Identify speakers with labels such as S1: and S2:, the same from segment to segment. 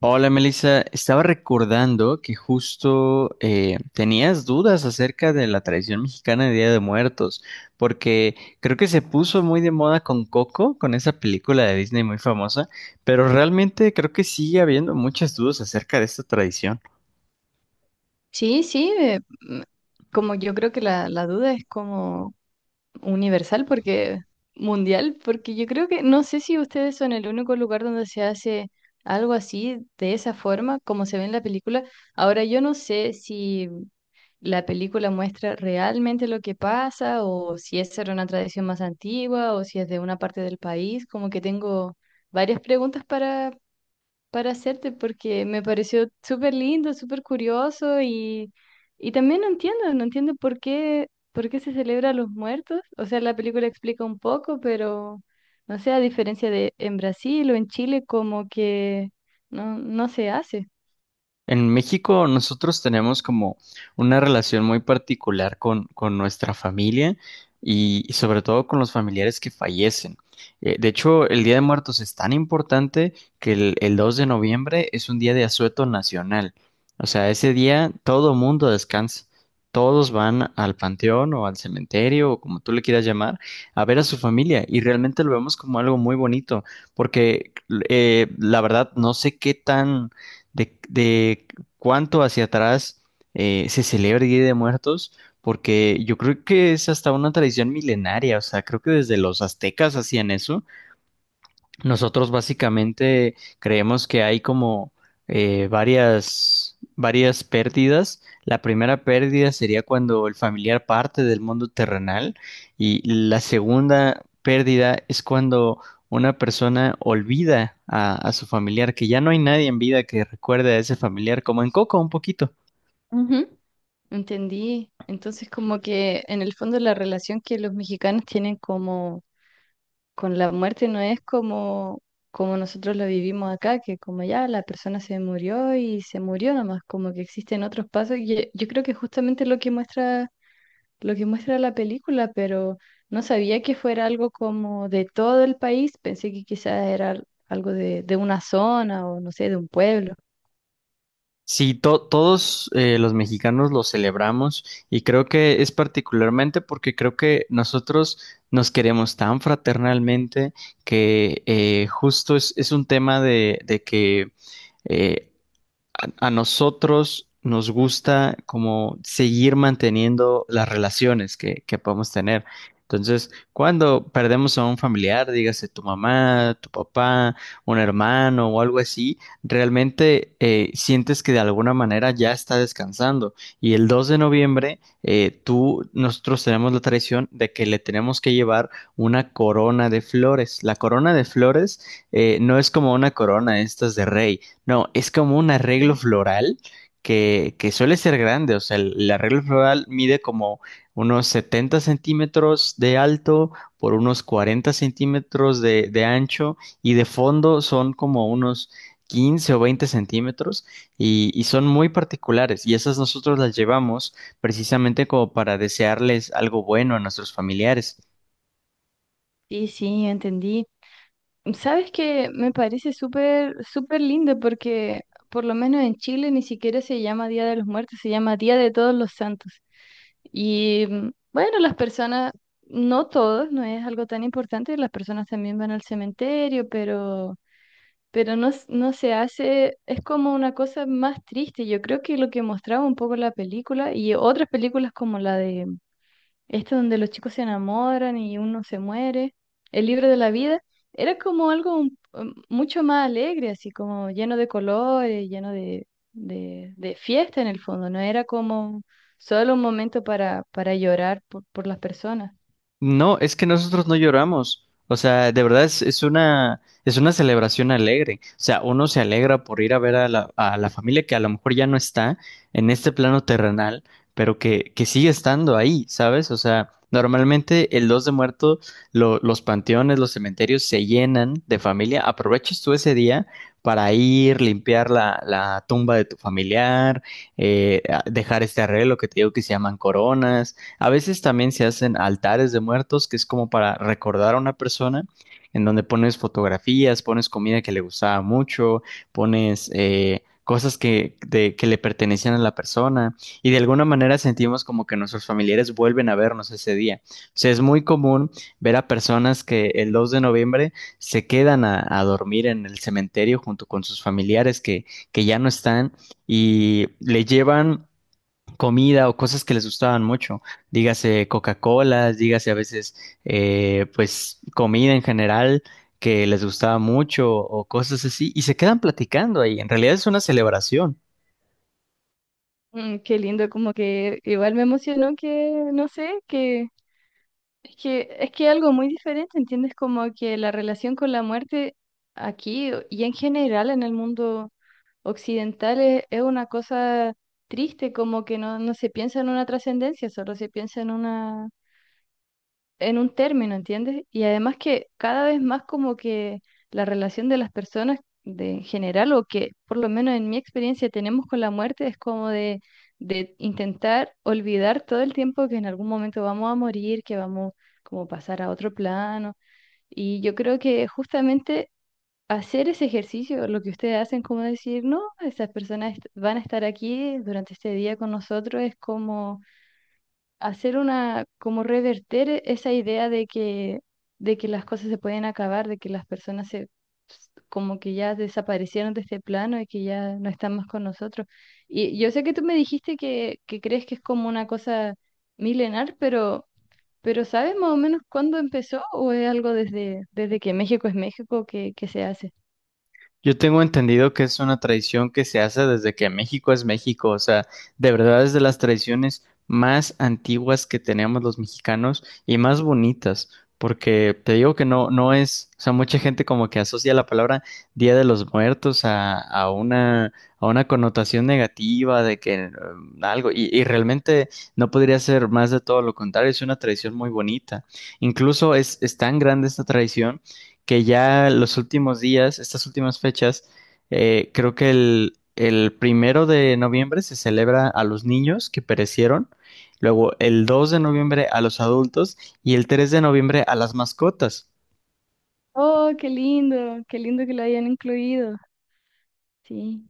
S1: Hola Melissa, estaba recordando que justo tenías dudas acerca de la tradición mexicana de Día de Muertos, porque creo que se puso muy de moda con Coco, con esa película de Disney muy famosa, pero realmente creo que sigue habiendo muchas dudas acerca de esta tradición.
S2: Sí, sí, como yo creo que la duda es como universal, porque mundial, porque yo creo que no sé si ustedes son el único lugar donde se hace algo así, de esa forma, como se ve en la película. Ahora, yo no sé si la película muestra realmente lo que pasa, o si esa era una tradición más antigua, o si es de una parte del país, como que tengo varias preguntas para hacerte porque me pareció súper lindo, súper curioso y también no entiendo, no entiendo por qué se celebra a los muertos. O sea, la película explica un poco, pero no sé, a diferencia de en Brasil o en Chile, como que no se hace.
S1: En México nosotros tenemos como una relación muy particular con nuestra familia y sobre todo con los familiares que fallecen. De hecho, el Día de Muertos es tan importante que el 2 de noviembre es un día de asueto nacional. O sea, ese día todo mundo descansa. Todos van al panteón o al cementerio o como tú le quieras llamar a ver a su familia y realmente lo vemos como algo muy bonito porque la verdad no sé qué tan de cuánto hacia atrás se celebra el Día de Muertos, porque yo creo que es hasta una tradición milenaria. O sea, creo que desde los aztecas hacían eso. Nosotros básicamente creemos que hay como varias pérdidas. La primera pérdida sería cuando el familiar parte del mundo terrenal y la segunda pérdida es cuando una persona olvida a su familiar, que ya no hay nadie en vida que recuerde a ese familiar, como en Coco un poquito.
S2: Ujú. Entendí. Entonces, como que en el fondo la relación que los mexicanos tienen como con la muerte no es como, como nosotros lo vivimos acá, que como ya la persona se murió y se murió nomás, como que existen otros pasos. Yo creo que justamente lo que muestra la película, pero no sabía que fuera algo como de todo el país, pensé que quizás era algo de una zona o no sé, de un pueblo.
S1: Sí, todos los mexicanos lo celebramos, y creo que es particularmente porque creo que nosotros nos queremos tan fraternalmente que justo es un tema de que eh, a nosotros nos gusta como seguir manteniendo las relaciones que podemos tener. Entonces, cuando perdemos a un familiar, dígase tu mamá, tu papá, un hermano o algo así, realmente sientes que de alguna manera ya está descansando. Y el 2 de noviembre, nosotros tenemos la tradición de que le tenemos que llevar una corona de flores. La corona de flores no es como una corona estas de rey, no, es como un arreglo floral que suele ser grande. O sea, el arreglo floral mide como unos 70 centímetros de alto por unos 40 centímetros de ancho, y de fondo son como unos 15 o 20 centímetros, y son muy particulares. Y esas nosotros las llevamos precisamente como para desearles algo bueno a nuestros familiares.
S2: Sí, sí, entendí. Sabes que me parece súper, súper lindo porque por lo menos en Chile ni siquiera se llama Día de los Muertos, se llama Día de Todos los Santos. Y bueno, las personas, no todos, no es algo tan importante, las personas también van al cementerio, pero no, no se hace, es como una cosa más triste. Yo creo que lo que mostraba un poco la película y otras películas como la de donde los chicos se enamoran y uno se muere, el libro de la vida, era como algo mucho más alegre, así como lleno de colores, lleno de fiesta en el fondo, no era como solo un momento para llorar por las personas.
S1: No, es que nosotros no lloramos. O sea, de verdad es una celebración alegre. O sea, uno se alegra por ir a ver a la familia que a lo mejor ya no está en este plano terrenal, pero que sigue estando ahí, ¿sabes? O sea, normalmente el 2 de muerto, los panteones, los cementerios se llenan de familia. Aproveches tú ese día para ir, limpiar la, la tumba de tu familiar, dejar este arreglo que te digo que se llaman coronas. A veces también se hacen altares de muertos, que es como para recordar a una persona, en donde pones fotografías, pones comida que le gustaba mucho, pones cosas que, que le pertenecían a la persona, y de alguna manera sentimos como que nuestros familiares vuelven a vernos ese día. O sea, es muy común ver a personas que el 2 de noviembre se quedan a dormir en el cementerio junto con sus familiares que ya no están, y le llevan comida o cosas que les gustaban mucho, dígase Coca-Colas, dígase a veces pues comida en general que les gustaba mucho o cosas así, y se quedan platicando ahí. En realidad es una celebración.
S2: Mm, qué lindo, como que igual me emocionó que, no sé, que es que es que algo muy diferente, ¿entiendes? Como que la relación con la muerte aquí y en general en el mundo occidental es una cosa triste, como que no, no se piensa en una trascendencia, solo se piensa en una, en un término, ¿entiendes? Y además que cada vez más como que la relación de las personas de, en general, o que por lo menos en mi experiencia tenemos con la muerte, es como de intentar olvidar todo el tiempo que en algún momento vamos a morir, que vamos como a pasar a otro plano. Y yo creo que justamente hacer ese ejercicio, lo que ustedes hacen, como decir, no, esas personas van a estar aquí durante este día con nosotros, es como hacer una, como reverter esa idea de que las cosas se pueden acabar, de que las personas se, como que ya desaparecieron de este plano y que ya no están más con nosotros. Y yo sé que tú me dijiste que crees que es como una cosa milenar, pero... Pero ¿sabes más o menos cuándo empezó o es algo desde que México es México que se hace?
S1: Yo tengo entendido que es una tradición que se hace desde que México es México. O sea, de verdad es de las tradiciones más antiguas que tenemos los mexicanos y más bonitas, porque te digo que no, no es, o sea, mucha gente como que asocia la palabra Día de los Muertos a una connotación negativa de que algo, y realmente no podría ser más de todo lo contrario, es una tradición muy bonita. Incluso es tan grande esta tradición que ya los últimos días, estas últimas fechas, creo que el primero de noviembre se celebra a los niños que perecieron, luego el 2 de noviembre a los adultos y el 3 de noviembre a las mascotas.
S2: Oh, qué lindo que lo hayan incluido. Sí.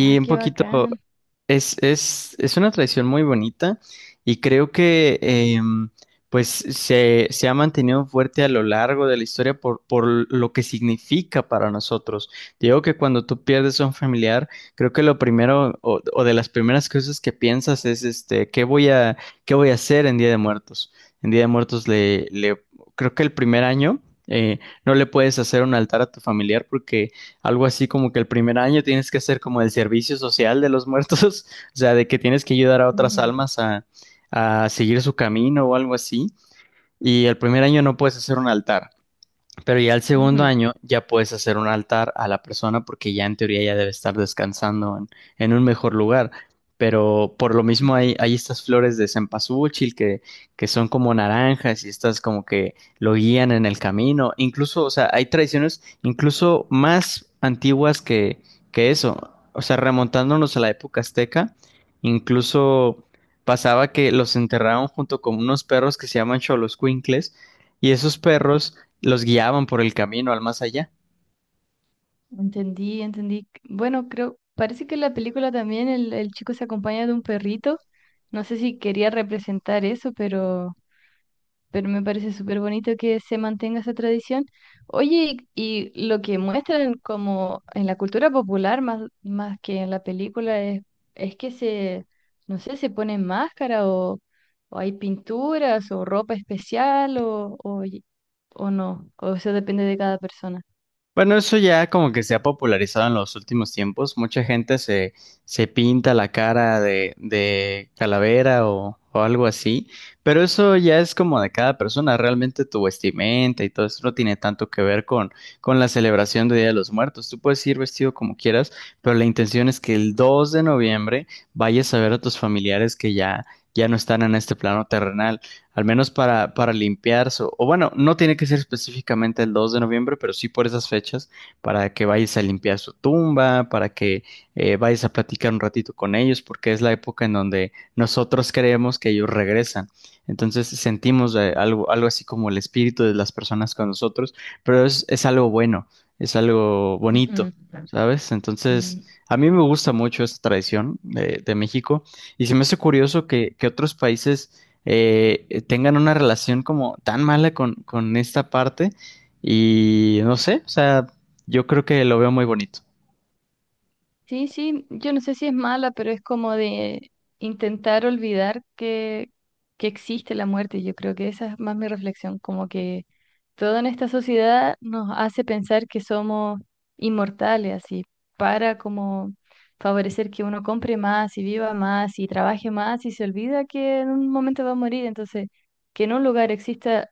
S2: Ah,
S1: un
S2: qué
S1: poquito.
S2: bacán.
S1: Es una tradición muy bonita y creo que pues se ha mantenido fuerte a lo largo de la historia por lo que significa para nosotros. Digo que cuando tú pierdes a un familiar, creo que lo primero o de las primeras cosas que piensas es este, qué voy a hacer en Día de Muertos? En Día de Muertos le, le creo que el primer año eh, no le puedes hacer un altar a tu familiar porque algo así como que el primer año tienes que hacer como el servicio social de los muertos, o sea, de que tienes que ayudar a otras
S2: Ujú,
S1: almas a seguir su camino o algo así. Y el primer año no puedes hacer un altar. Pero ya el segundo
S2: ujú,
S1: año ya puedes hacer un altar a la persona porque ya en teoría ya debe estar descansando en un mejor lugar. Pero por lo mismo hay,
S2: ujú.
S1: hay estas flores de cempasúchil que son como naranjas y estas como que lo guían en el camino. Incluso, o sea, hay tradiciones incluso más antiguas que eso. O sea, remontándonos a la época azteca, incluso pasaba que los enterraban junto con unos perros que se llaman xoloscuincles, y esos perros los guiaban por el camino al más allá.
S2: Entendí, entendí. Bueno, creo, parece que en la película también el chico se acompaña de un perrito. No sé si quería representar eso, pero me parece súper bonito que se mantenga esa tradición. Oye, y lo que muestran como en la cultura popular más, más que en la película es que se, no sé, se ponen máscara o hay pinturas o ropa especial o, o no, o eso depende de cada persona.
S1: Bueno, eso ya como que se ha popularizado en los últimos tiempos. Mucha gente se, se pinta la cara de calavera o algo así, pero eso ya es como de cada persona. Realmente tu vestimenta y todo eso no tiene tanto que ver con la celebración de Día de los Muertos. Tú puedes ir vestido como quieras, pero la intención es que el 2 de noviembre vayas a ver a tus familiares que ya, ya no están en este plano terrenal. Al menos para limpiarse, o bueno, no tiene que ser específicamente el 2 de noviembre, pero sí por esas fechas, para que vayas a limpiar su tumba, para que vayas a platicar un ratito con ellos, porque es la época en donde nosotros creemos que ellos regresan. Entonces sentimos
S2: Sí.
S1: algo así como el espíritu de las personas con nosotros, pero es algo bueno, es algo bonito,
S2: Ujú.
S1: ¿sabes? Entonces...
S2: Mm.
S1: A mí me gusta mucho esta tradición de México y se me hace curioso que otros países tengan una relación como tan mala con esta parte y no sé, o sea, yo creo que lo veo muy bonito.
S2: Sí, sí, yo no sé si es mala, pero es como de intentar olvidar que existe la muerte. Yo creo que esa es más mi reflexión, como que todo en esta sociedad nos hace pensar que somos inmortales, así, para como favorecer que uno compre más y viva más y trabaje más y se olvida que en un momento va a morir. Entonces, que en un lugar exista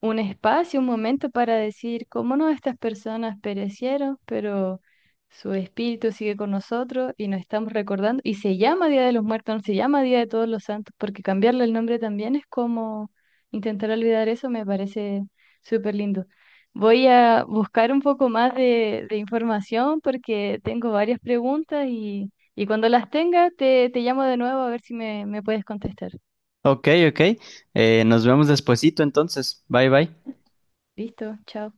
S2: un espacio, un momento para decir cómo no estas personas perecieron, pero su espíritu sigue con nosotros y nos estamos recordando. Y se llama Día de los Muertos, no se llama Día de Todos los Santos, porque cambiarle el nombre también es como intentar olvidar eso, me parece súper lindo. Voy a buscar un poco más de información porque tengo varias preguntas y cuando las tenga te llamo de nuevo a ver si me puedes contestar.
S1: Ok, ok, nos vemos despuesito entonces, bye bye.
S2: Listo, chao.